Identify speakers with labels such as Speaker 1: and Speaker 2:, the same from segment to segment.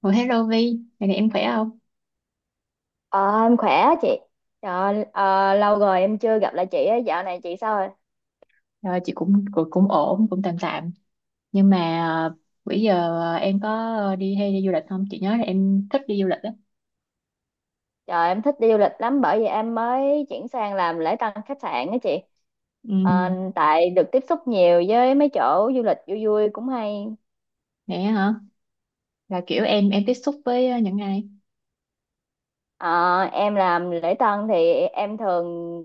Speaker 1: Ủa hello Vi, ngày này em khỏe không?
Speaker 2: Ờ, em khỏe á chị. Trời, lâu rồi em chưa gặp lại chị á, dạo này chị sao rồi?
Speaker 1: Rồi chị cũng cũng, cũng ổn, cũng tạm tạm. Nhưng mà bữa giờ em có đi hay đi du lịch không? Chị nhớ là em thích đi du lịch á.
Speaker 2: Trời, em thích đi du lịch lắm bởi vì em mới chuyển sang làm lễ tân khách sạn á chị. Ờ,
Speaker 1: Ừ,
Speaker 2: tại được tiếp xúc nhiều với mấy chỗ du lịch vui vui cũng hay.
Speaker 1: vậy á hả? Là kiểu em tiếp xúc với những ai?
Speaker 2: Ờ, em làm lễ tân thì em thường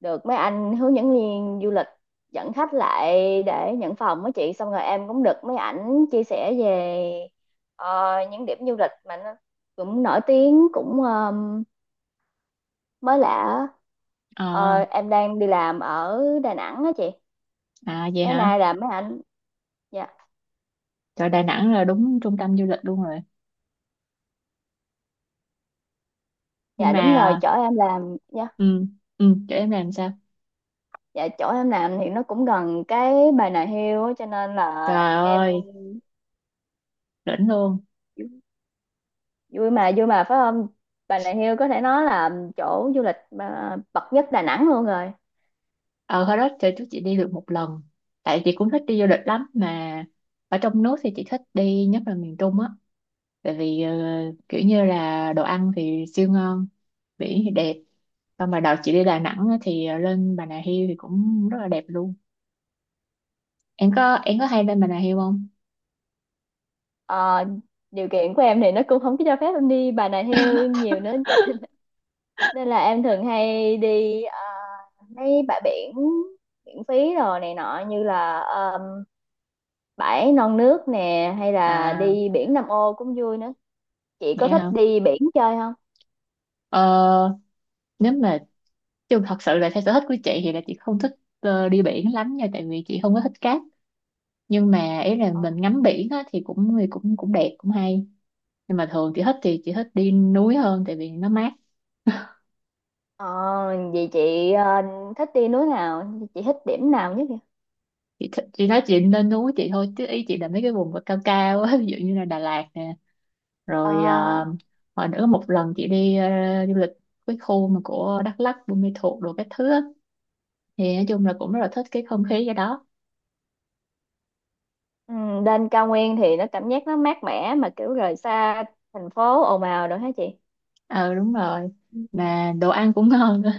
Speaker 2: được mấy anh hướng dẫn viên du lịch dẫn khách lại để nhận phòng á chị. Xong rồi em cũng được mấy ảnh chia sẻ về những điểm du lịch mà nó cũng nổi tiếng cũng, mới lạ á.
Speaker 1: Ờ,
Speaker 2: Ờ, em đang đi làm ở Đà Nẵng á chị,
Speaker 1: à, vậy
Speaker 2: mấy
Speaker 1: hả?
Speaker 2: nay là mấy anh dạ
Speaker 1: Trời, Đà Nẵng là đúng trung tâm du lịch luôn rồi. Nhưng
Speaker 2: Dạ đúng rồi,
Speaker 1: mà
Speaker 2: chỗ em làm, dạ,
Speaker 1: ừ, ừ, chỗ em làm sao?
Speaker 2: dạ chỗ em làm thì nó cũng gần cái Bà Nà Hills á, cho nên là
Speaker 1: Trời
Speaker 2: em
Speaker 1: ơi, đỉnh luôn.
Speaker 2: vui mà vui mà, phải không? Bà Nà Hills có thể nói là chỗ du lịch mà bậc nhất Đà Nẵng luôn rồi.
Speaker 1: Ờ Hồi đó trời trước chị đi được một lần. Tại chị cũng thích đi du lịch lắm, mà ở trong nước thì chị thích đi nhất là miền Trung á, tại vì kiểu như là đồ ăn thì siêu ngon, biển thì đẹp. Xong mà đợt chị đi Đà Nẵng á, thì lên Bà Nà Hills thì cũng rất là đẹp luôn. Em có em có hay lên Bà Nà Hills không?
Speaker 2: Ờ, điều kiện của em thì nó cũng không có cho phép em đi Bà Nà Hills nhiều nữa, nên là em thường hay đi mấy bãi biển miễn phí rồi này nọ, như là bãi Non Nước nè hay là
Speaker 1: À
Speaker 2: đi biển Nam Ô cũng vui nữa. Chị
Speaker 1: vậy
Speaker 2: có
Speaker 1: hả.
Speaker 2: thích đi biển chơi không?
Speaker 1: ờ, Nếu mà, chứ thật sự là theo sở thích của chị thì là chị không thích đi biển lắm nha, tại vì chị không có thích cát. Nhưng mà ý là mình ngắm biển á, thì cũng cũng đẹp cũng hay. Nhưng mà thường chị thích, thì chị thích đi núi hơn tại vì nó mát.
Speaker 2: Ờ, vậy chị thích đi núi nào, chị thích điểm nào nhất vậy?
Speaker 1: Chị nói chị nên núi chị thôi, chứ ý chị là mấy cái vùng mà cao cao á ví dụ như là Đà Lạt nè.
Speaker 2: Ờ,
Speaker 1: Rồi hồi nữa một lần chị đi du lịch cái khu mà của Đắk Lắk Buôn Ma Thuột đồ các thứ á, thì nói chung là cũng rất là thích cái không khí ở đó.
Speaker 2: ừ, lên cao nguyên thì nó cảm giác nó mát mẻ mà kiểu rời xa thành phố ồn ào rồi hả chị?
Speaker 1: Ờ đúng rồi.
Speaker 2: Ừ.
Speaker 1: Mà đồ ăn cũng ngon nữa,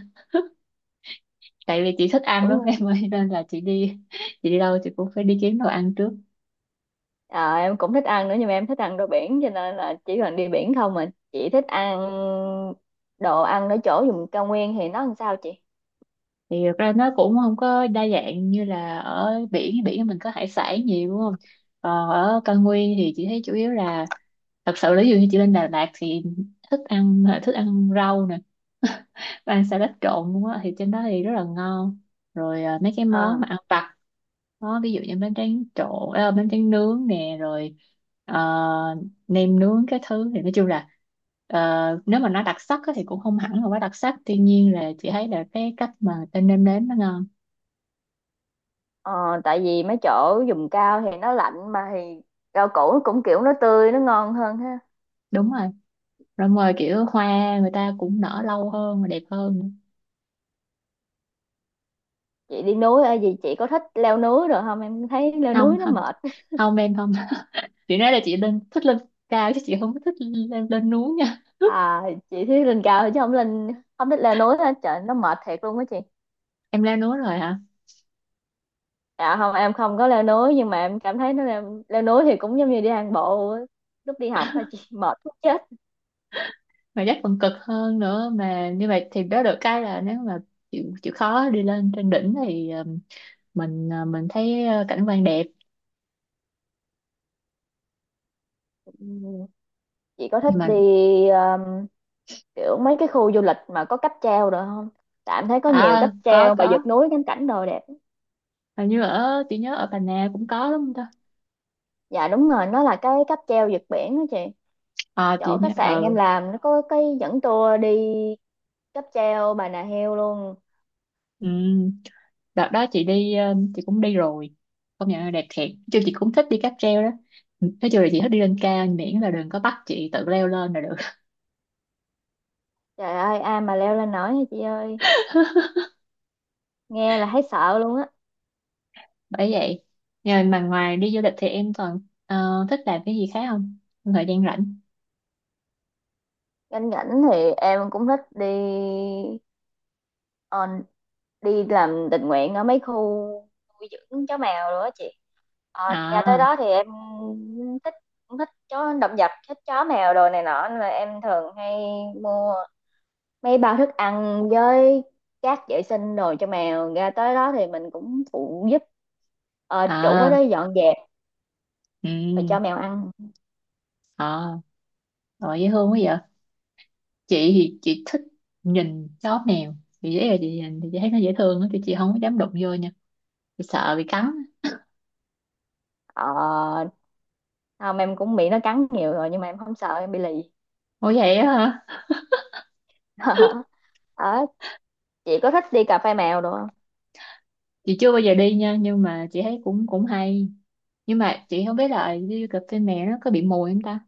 Speaker 1: tại vì chị thích ăn
Speaker 2: Đúng
Speaker 1: lắm
Speaker 2: rồi.
Speaker 1: em ơi, nên là chị đi chị đi đâu chị cũng phải đi kiếm đồ ăn trước.
Speaker 2: Ờ, em cũng thích ăn nữa nhưng mà em thích ăn đồ biển, cho nên là chỉ cần đi biển không. Mà chị thích ăn đồ ăn ở chỗ vùng cao nguyên thì nó làm sao chị?
Speaker 1: Thì thật ra nó cũng không có đa dạng như là ở biển, biển mình có hải sản nhiều đúng không. Còn ở cao nguyên thì chị thấy chủ yếu là, thật sự là ví dụ như chị lên Đà Lạt thì thức ăn rau nè ăn salad trộn luôn á, thì trên đó thì rất là ngon. Rồi mấy cái
Speaker 2: Ờ,
Speaker 1: món mà ăn vặt đó, ví dụ như bánh tráng trộn bánh tráng nướng nè, rồi ờ, nem nướng cái thứ. Thì nói chung là ờ, nếu mà nó đặc sắc á thì cũng không hẳn là quá đặc sắc, tuy nhiên là chị thấy là cái cách mà người ta nêm nếm nó ngon.
Speaker 2: ờ, tại vì mấy chỗ vùng cao thì nó lạnh mà thì rau củ nó cũng kiểu nó tươi nó ngon hơn ha.
Speaker 1: Đúng rồi. Rồi mời kiểu hoa người ta cũng nở lâu hơn và đẹp hơn nữa.
Speaker 2: Chị đi núi gì, chị có thích leo núi rồi không? Em thấy leo
Speaker 1: Không
Speaker 2: núi nó
Speaker 1: không,
Speaker 2: mệt.
Speaker 1: không em không. Chị nói là chị lên, thích lên cao, chứ chị không có thích lên lên núi nha.
Speaker 2: À chị thích lên cao chứ không lên, không thích leo núi hết. Trời, nó mệt thiệt luôn á chị.
Speaker 1: Em leo núi rồi hả?
Speaker 2: Dạ không, em không có leo núi nhưng mà em cảm thấy nó leo, leo núi thì cũng giống như đi hàng bộ á. Lúc đi học thôi chị, mệt muốn chết.
Speaker 1: Mà chắc còn cực hơn nữa. Mà như vậy thì đó, được cái là nếu mà chịu chịu khó đi lên trên đỉnh thì mình thấy cảnh quan đẹp.
Speaker 2: Ừ. Chị có thích
Speaker 1: Nhưng mà
Speaker 2: đi um, kiểu mấy cái khu du lịch mà có cáp treo rồi không? Tại em thấy có
Speaker 1: à,
Speaker 2: nhiều cáp
Speaker 1: có
Speaker 2: treo và
Speaker 1: có
Speaker 2: vượt núi ngắm cảnh đồ đẹp.
Speaker 1: hình như ở, chị nhớ ở Bà Nà cũng có đúng không ta.
Speaker 2: Dạ đúng rồi, nó là cái cáp treo vượt biển đó chị.
Speaker 1: À chị
Speaker 2: Chỗ
Speaker 1: nhớ
Speaker 2: khách sạn em
Speaker 1: ừ.
Speaker 2: làm nó có cái dẫn tour đi cáp treo Bà Nà Heo luôn.
Speaker 1: Ừ, đợt đó chị đi chị cũng đi rồi, công nhận là đẹp thiệt. Nói chung chị cũng thích đi cáp treo đó, nói chung là chị thích đi lên cao, miễn là đừng có bắt chị tự leo lên là được.
Speaker 2: Trời ơi, ai mà leo lên nổi hả chị ơi, nghe là thấy sợ luôn á.
Speaker 1: Bởi vậy. Rồi mà ngoài đi du lịch thì em còn thích làm cái gì khác không? Trong thời gian rảnh.
Speaker 2: Cảnh cảnh thì em cũng thích đi, Ờ, đi làm tình nguyện ở mấy khu nuôi dưỡng chó mèo rồi đó chị. Ờ, nhà tới
Speaker 1: À,
Speaker 2: đó thì em thích, cũng thích chó, động vật, thích chó mèo đồ này nọ, nên là em thường hay mua mấy bao thức ăn với cát vệ sinh đồ cho mèo. Ra tới đó thì mình cũng phụ giúp chủ ở đó
Speaker 1: à,
Speaker 2: dọn dẹp rồi
Speaker 1: ừ,
Speaker 2: cho mèo ăn.
Speaker 1: à, rồi dễ thương quá vậy. Chị thì chị thích nhìn chó mèo, chị dễ là chị nhìn thì chị thấy nó dễ thương á, thì chị không có dám đụng vô nha, chị sợ bị cắn.
Speaker 2: Ờ, không, em cũng bị nó cắn nhiều rồi nhưng mà em không sợ, em bị lì.
Speaker 1: Ủa vậy á hả?
Speaker 2: Ờ, chị có thích đi cà phê mèo đồ không?
Speaker 1: Chị chưa bao giờ đi nha, nhưng mà chị thấy cũng cũng hay, nhưng mà chị không biết là đi cà phê mẹ nó có bị mùi không ta.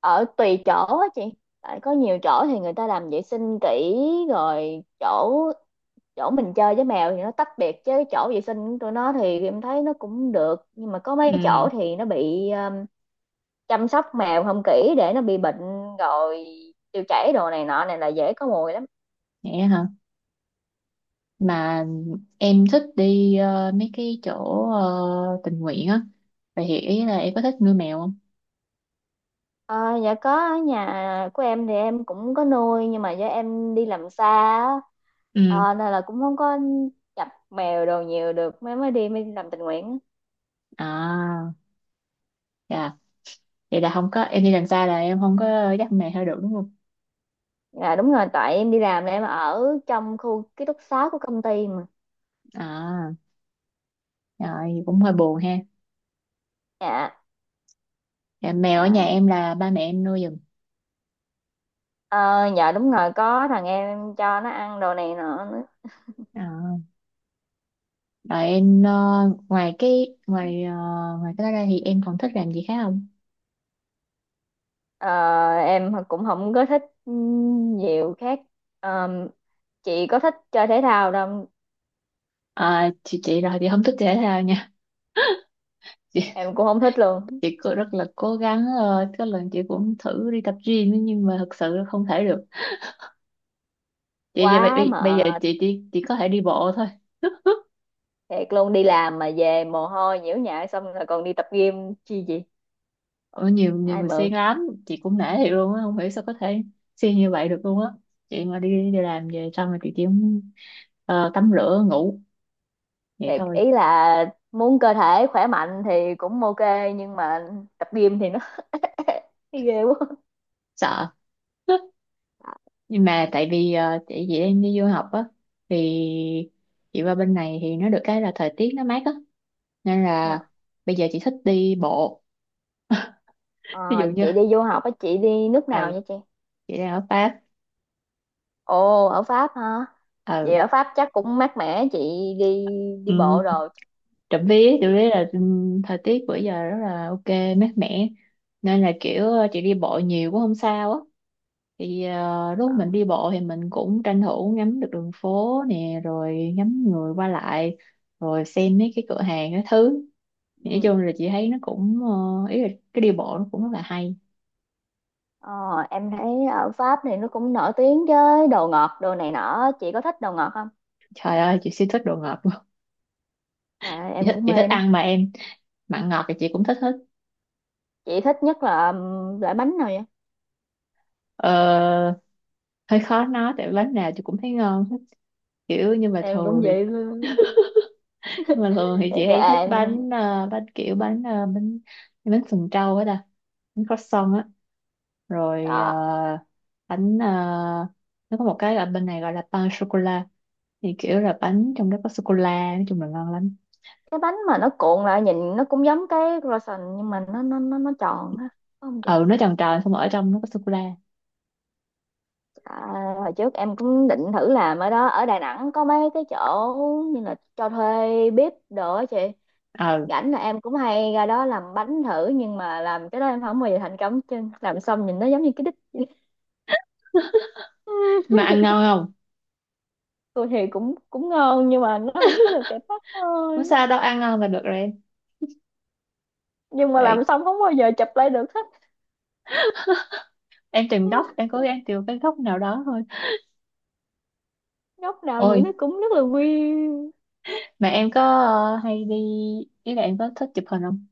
Speaker 2: Ở tùy chỗ á chị, tại có nhiều chỗ thì người ta làm vệ sinh kỹ, rồi chỗ chỗ mình chơi với mèo thì nó tách biệt chứ chỗ vệ sinh của tụi nó thì em thấy nó cũng được. Nhưng mà có mấy
Speaker 1: Ừ.
Speaker 2: chỗ thì nó bị, chăm sóc mèo không kỹ để nó bị bệnh rồi tiêu chảy đồ này nọ, này là dễ có mùi lắm.
Speaker 1: Mẹ hả? Mà em thích đi mấy cái chỗ tình nguyện á, vậy thì ý là em có thích nuôi mèo không?
Speaker 2: Ờ, dạ có, ở nhà của em thì em cũng có nuôi nhưng mà do em đi làm xa á,
Speaker 1: Ừ.
Speaker 2: ờ, nên là cũng không có chập mèo đồ nhiều được, mới mới đi làm tình nguyện á.
Speaker 1: À, dạ. Vậy là không có, em đi làm xa là em không có dắt mèo theo được đúng không?
Speaker 2: Dạ đúng rồi, tại em đi làm là em ở trong khu ký túc xá của công ty mà.
Speaker 1: À, rồi cũng hơi buồn ha.
Speaker 2: Dạ.
Speaker 1: Dạ, mèo ở nhà
Speaker 2: Dạ.
Speaker 1: em là ba mẹ em nuôi giùm.
Speaker 2: Ờ, dạ đúng rồi, có thằng em cho nó ăn đồ này nọ nữa.
Speaker 1: À, rồi em ngoài cái ngoài ngoài cái đó ra thì em còn thích làm gì khác không?
Speaker 2: Ờ, em cũng không có thích nhiều khác. Ờ, chị có thích chơi thể thao đâu,
Speaker 1: À, chị rồi chị không thích thể thao nha.
Speaker 2: em cũng không thích luôn.
Speaker 1: Chị cũng rất là cố gắng, rồi có lần chị cũng thử đi tập gym ấy, nhưng mà thật sự là không thể được. Chị giờ
Speaker 2: Quá
Speaker 1: bây giờ
Speaker 2: mệt,
Speaker 1: chị chỉ có thể đi bộ thôi.
Speaker 2: thiệt luôn, đi làm mà về mồ hôi nhiễu nhại xong rồi còn đi tập gym chi gì.
Speaker 1: Ở, nhiều nhiều
Speaker 2: Ai
Speaker 1: người
Speaker 2: mượn.
Speaker 1: siêng lắm, chị cũng nể thiệt luôn á, không hiểu sao có thể siêng như vậy được luôn á. Chị mà đi đi làm về xong rồi chị chỉ muốn, tắm rửa ngủ vậy
Speaker 2: Thiệt
Speaker 1: thôi.
Speaker 2: ý là muốn cơ thể khỏe mạnh thì cũng ok, nhưng mà tập gym thì nó ghê quá.
Speaker 1: Sợ. Nhưng mà tại vì chị đang đi du học á, thì chị qua bên này thì nó được cái là thời tiết nó mát á, nên
Speaker 2: Dạ.
Speaker 1: là bây giờ chị thích đi bộ.
Speaker 2: Ờ,
Speaker 1: Ví dụ như,
Speaker 2: chị đi du học á, chị đi nước
Speaker 1: ừ,
Speaker 2: nào vậy chị?
Speaker 1: chị đang ở Pháp.
Speaker 2: Ồ, ở Pháp hả? Vậy
Speaker 1: Ừ.
Speaker 2: ở Pháp chắc cũng mát mẻ chị đi, đi
Speaker 1: um,
Speaker 2: bộ rồi.
Speaker 1: trộm vía là thời tiết bữa giờ rất là ok mát mẻ, nên là kiểu chị đi bộ nhiều cũng không sao á. Thì lúc
Speaker 2: Ờ,
Speaker 1: mình đi bộ thì mình cũng tranh thủ ngắm được đường phố nè, rồi ngắm người qua lại, rồi xem mấy cái cửa hàng cái thứ. Thì nói
Speaker 2: ừ.
Speaker 1: chung là chị thấy nó cũng ý là cái đi bộ nó cũng rất là hay.
Speaker 2: Ờ, em thấy ở Pháp thì nó cũng nổi tiếng với đồ ngọt đồ này nọ, chị có thích đồ ngọt không?
Speaker 1: Trời ơi chị siêu thích đồ ngọt luôn.
Speaker 2: Trời ơi,
Speaker 1: Chị
Speaker 2: em
Speaker 1: thích,
Speaker 2: cũng
Speaker 1: chị thích
Speaker 2: mê nữa.
Speaker 1: ăn mà em, mặn ngọt thì chị cũng thích hết.
Speaker 2: Chị thích nhất là loại bánh nào vậy?
Speaker 1: Ờ, hơi khó nói tại bánh nào chị cũng thấy ngon hết, kiểu. Nhưng mà
Speaker 2: Em cũng
Speaker 1: thường thì,
Speaker 2: vậy luôn.
Speaker 1: nhưng mà thường thì
Speaker 2: Thì
Speaker 1: chị
Speaker 2: cái
Speaker 1: hay thích
Speaker 2: em,
Speaker 1: bánh bánh kiểu bánh bánh, bánh sừng trâu á ta, bánh croissant á. Rồi
Speaker 2: ờ,
Speaker 1: bánh nó có một cái ở bên này gọi là pain sô cô la, thì kiểu là bánh trong đó có sô cô la, nói chung là ngon lắm.
Speaker 2: cái bánh mà nó cuộn lại nhìn nó cũng giống cái croissant nhưng mà nó tròn á, phải không?
Speaker 1: Ừ nó tròn tròn, xong rồi ở trong nó có sô cô la.
Speaker 2: À, hồi trước em cũng định thử làm ở đó, ở Đà Nẵng có mấy cái chỗ như là cho thuê bếp đồ á chị.
Speaker 1: Ừ.
Speaker 2: Rảnh là em cũng hay ra đó làm bánh thử nhưng mà làm cái đó em không bao giờ thành công chứ, làm xong nhìn nó giống như cái đít vậy.
Speaker 1: Mà ăn ngon không?
Speaker 2: Tôi thì cũng cũng ngon nhưng mà nó không có được đẹp mắt
Speaker 1: Không
Speaker 2: thôi.
Speaker 1: sao đâu, ăn ngon là được rồi em.
Speaker 2: Nhưng mà
Speaker 1: Tại
Speaker 2: làm xong không bao giờ chụp lại được hết,
Speaker 1: em tìm góc, em cố gắng tìm cái góc nào đó thôi.
Speaker 2: góc nào nhìn
Speaker 1: Ôi.
Speaker 2: nó cũng rất là quy.
Speaker 1: Mà em có hay đi, ý là em có thích chụp hình không?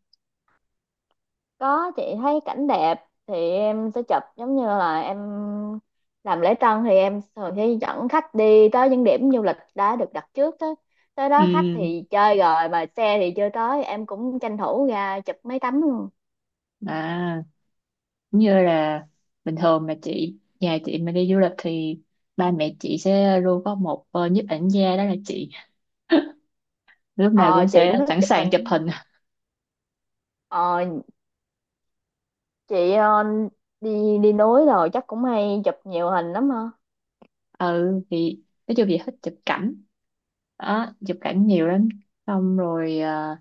Speaker 2: Có, chị thấy cảnh đẹp thì em sẽ chụp, giống như là em làm lễ tân thì em thường sẽ dẫn khách đi tới những điểm du lịch đã được đặt trước. Tới tới
Speaker 1: Ừ,
Speaker 2: đó khách thì chơi rồi mà xe thì chưa tới, em cũng tranh thủ ra chụp mấy tấm luôn.
Speaker 1: à, cũng như là bình thường mà chị, nhà chị mà đi du lịch thì ba mẹ chị sẽ luôn có một nhiếp ảnh gia, đó là chị, lúc nào
Speaker 2: Ờ
Speaker 1: cũng
Speaker 2: chị
Speaker 1: sẽ
Speaker 2: cũng thích
Speaker 1: sẵn
Speaker 2: chụp
Speaker 1: sàng chụp
Speaker 2: hình,
Speaker 1: hình.
Speaker 2: ờ chị đi đi núi rồi chắc cũng hay chụp nhiều hình lắm ha.
Speaker 1: Ừ thì nói chung chị thích chụp cảnh đó, chụp cảnh nhiều lắm. Xong rồi ờ,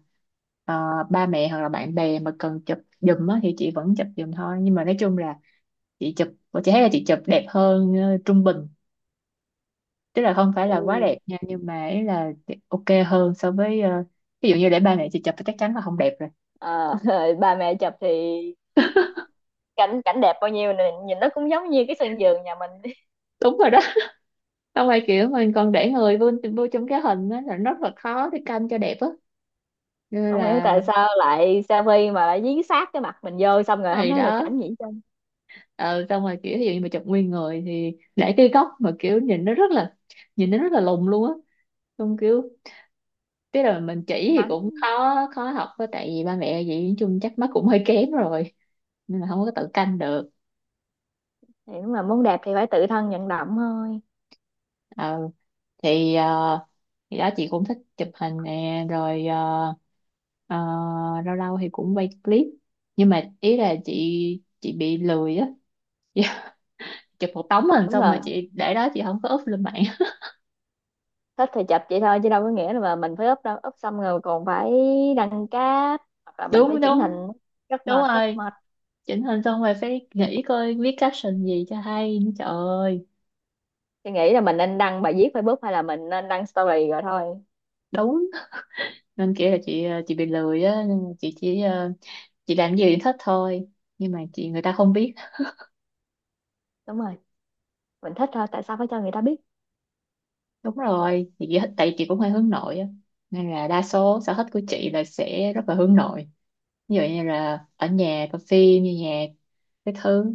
Speaker 1: ờ, ba mẹ hoặc là bạn bè mà cần chụp giùm á thì chị vẫn chụp giùm thôi, nhưng mà nói chung là chị chụp, chị thấy là chị chụp đẹp hơn trung bình, tức là không phải
Speaker 2: Ồ.
Speaker 1: là quá đẹp nha, nhưng mà ý là ok hơn so với ví dụ như để ba mẹ chị chụp thì chắc chắn là không đẹp rồi.
Speaker 2: ờ, Ba mẹ chụp thì cảnh cảnh đẹp bao nhiêu nè, nhìn nó cũng giống như cái sân vườn nhà mình.
Speaker 1: Đúng rồi đó. Xong rồi kiểu mình còn để người vô, vô trong cái hình á là rất là khó để canh cho đẹp á, nên
Speaker 2: Không hiểu
Speaker 1: là
Speaker 2: tại
Speaker 1: mình.
Speaker 2: sao lại Savvy mà lại dí sát cái mặt mình vô xong rồi không
Speaker 1: Này
Speaker 2: thấy được
Speaker 1: đó.
Speaker 2: cảnh gì hết trơn.
Speaker 1: Ờ xong rồi kiểu ví dụ như mà chụp nguyên người thì để cái góc mà kiểu nhìn nó rất là, nhìn nó rất là lùn luôn á. Xong kiểu, tức là mình chỉ thì
Speaker 2: Nắng.
Speaker 1: cũng khó khó học á, tại vì ba mẹ vậy, nói chung chắc mắt cũng hơi kém rồi, nên là không có tự canh được.
Speaker 2: Thì đúng là muốn đẹp thì phải tự thân vận động thôi.
Speaker 1: Ờ, thì thì đó chị cũng thích chụp hình nè, rồi ờ, lâu lâu thì cũng quay clip, nhưng mà ý là chị bị lười á. Dạ, chụp một tấm hình
Speaker 2: Đúng
Speaker 1: xong rồi
Speaker 2: rồi,
Speaker 1: chị để đó chị không có up lên mạng.
Speaker 2: thích thì chụp vậy thôi chứ đâu có nghĩa là mà mình phải úp đâu. Úp xong rồi còn phải đăng cáp hoặc là mình phải
Speaker 1: Đúng
Speaker 2: chỉnh hình,
Speaker 1: đúng.
Speaker 2: rất
Speaker 1: Đúng
Speaker 2: mệt, rất
Speaker 1: rồi,
Speaker 2: mệt.
Speaker 1: chỉnh hình xong rồi phải nghĩ coi viết caption gì cho hay nữa, trời ơi.
Speaker 2: Thì nghĩ là mình nên đăng bài viết Facebook hay là mình nên đăng story rồi thôi.
Speaker 1: Đúng, nên kia là chị chị bị lười á, nên là chị chỉ chị làm gì thì thích thôi, nhưng mà chị người ta không biết.
Speaker 2: Đúng rồi, mình thích thôi, tại sao phải cho người ta biết.
Speaker 1: Đúng rồi, thì chị, tại chị cũng hơi hướng nội á. Nên là đa số sở thích của chị là sẽ rất là hướng nội. Ví dụ như là ở nhà coi phim, nghe nhạc, cái thứ.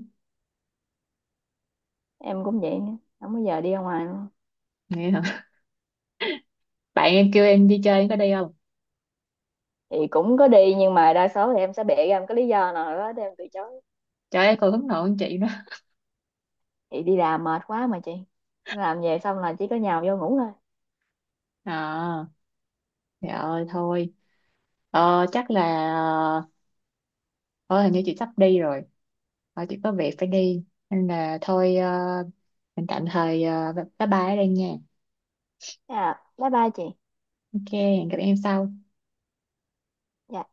Speaker 2: Em cũng vậy nữa, không bao giờ đi ra ngoài luôn.
Speaker 1: Nghe hả? Bạn em kêu em đi chơi, em có đi không?
Speaker 2: Thì cũng có đi nhưng mà đa số thì em sẽ bịa ra một cái lý do nào đó để em từ chối.
Speaker 1: Trời ơi, còn hướng nội hơn chị nữa.
Speaker 2: Chị đi làm mệt quá mà chị, làm về xong là chỉ có nhào vô ngủ thôi.
Speaker 1: À, trời ơi, thôi. Ờ, chắc là... Ờ, ờ, hình như chị sắp đi rồi. Ờ, chị có việc phải đi. Nên là thôi, mình tạm thời bye bye ở đây nha.
Speaker 2: Thế à, bye bye chị.
Speaker 1: Ok, hẹn gặp em sau.
Speaker 2: Dạ.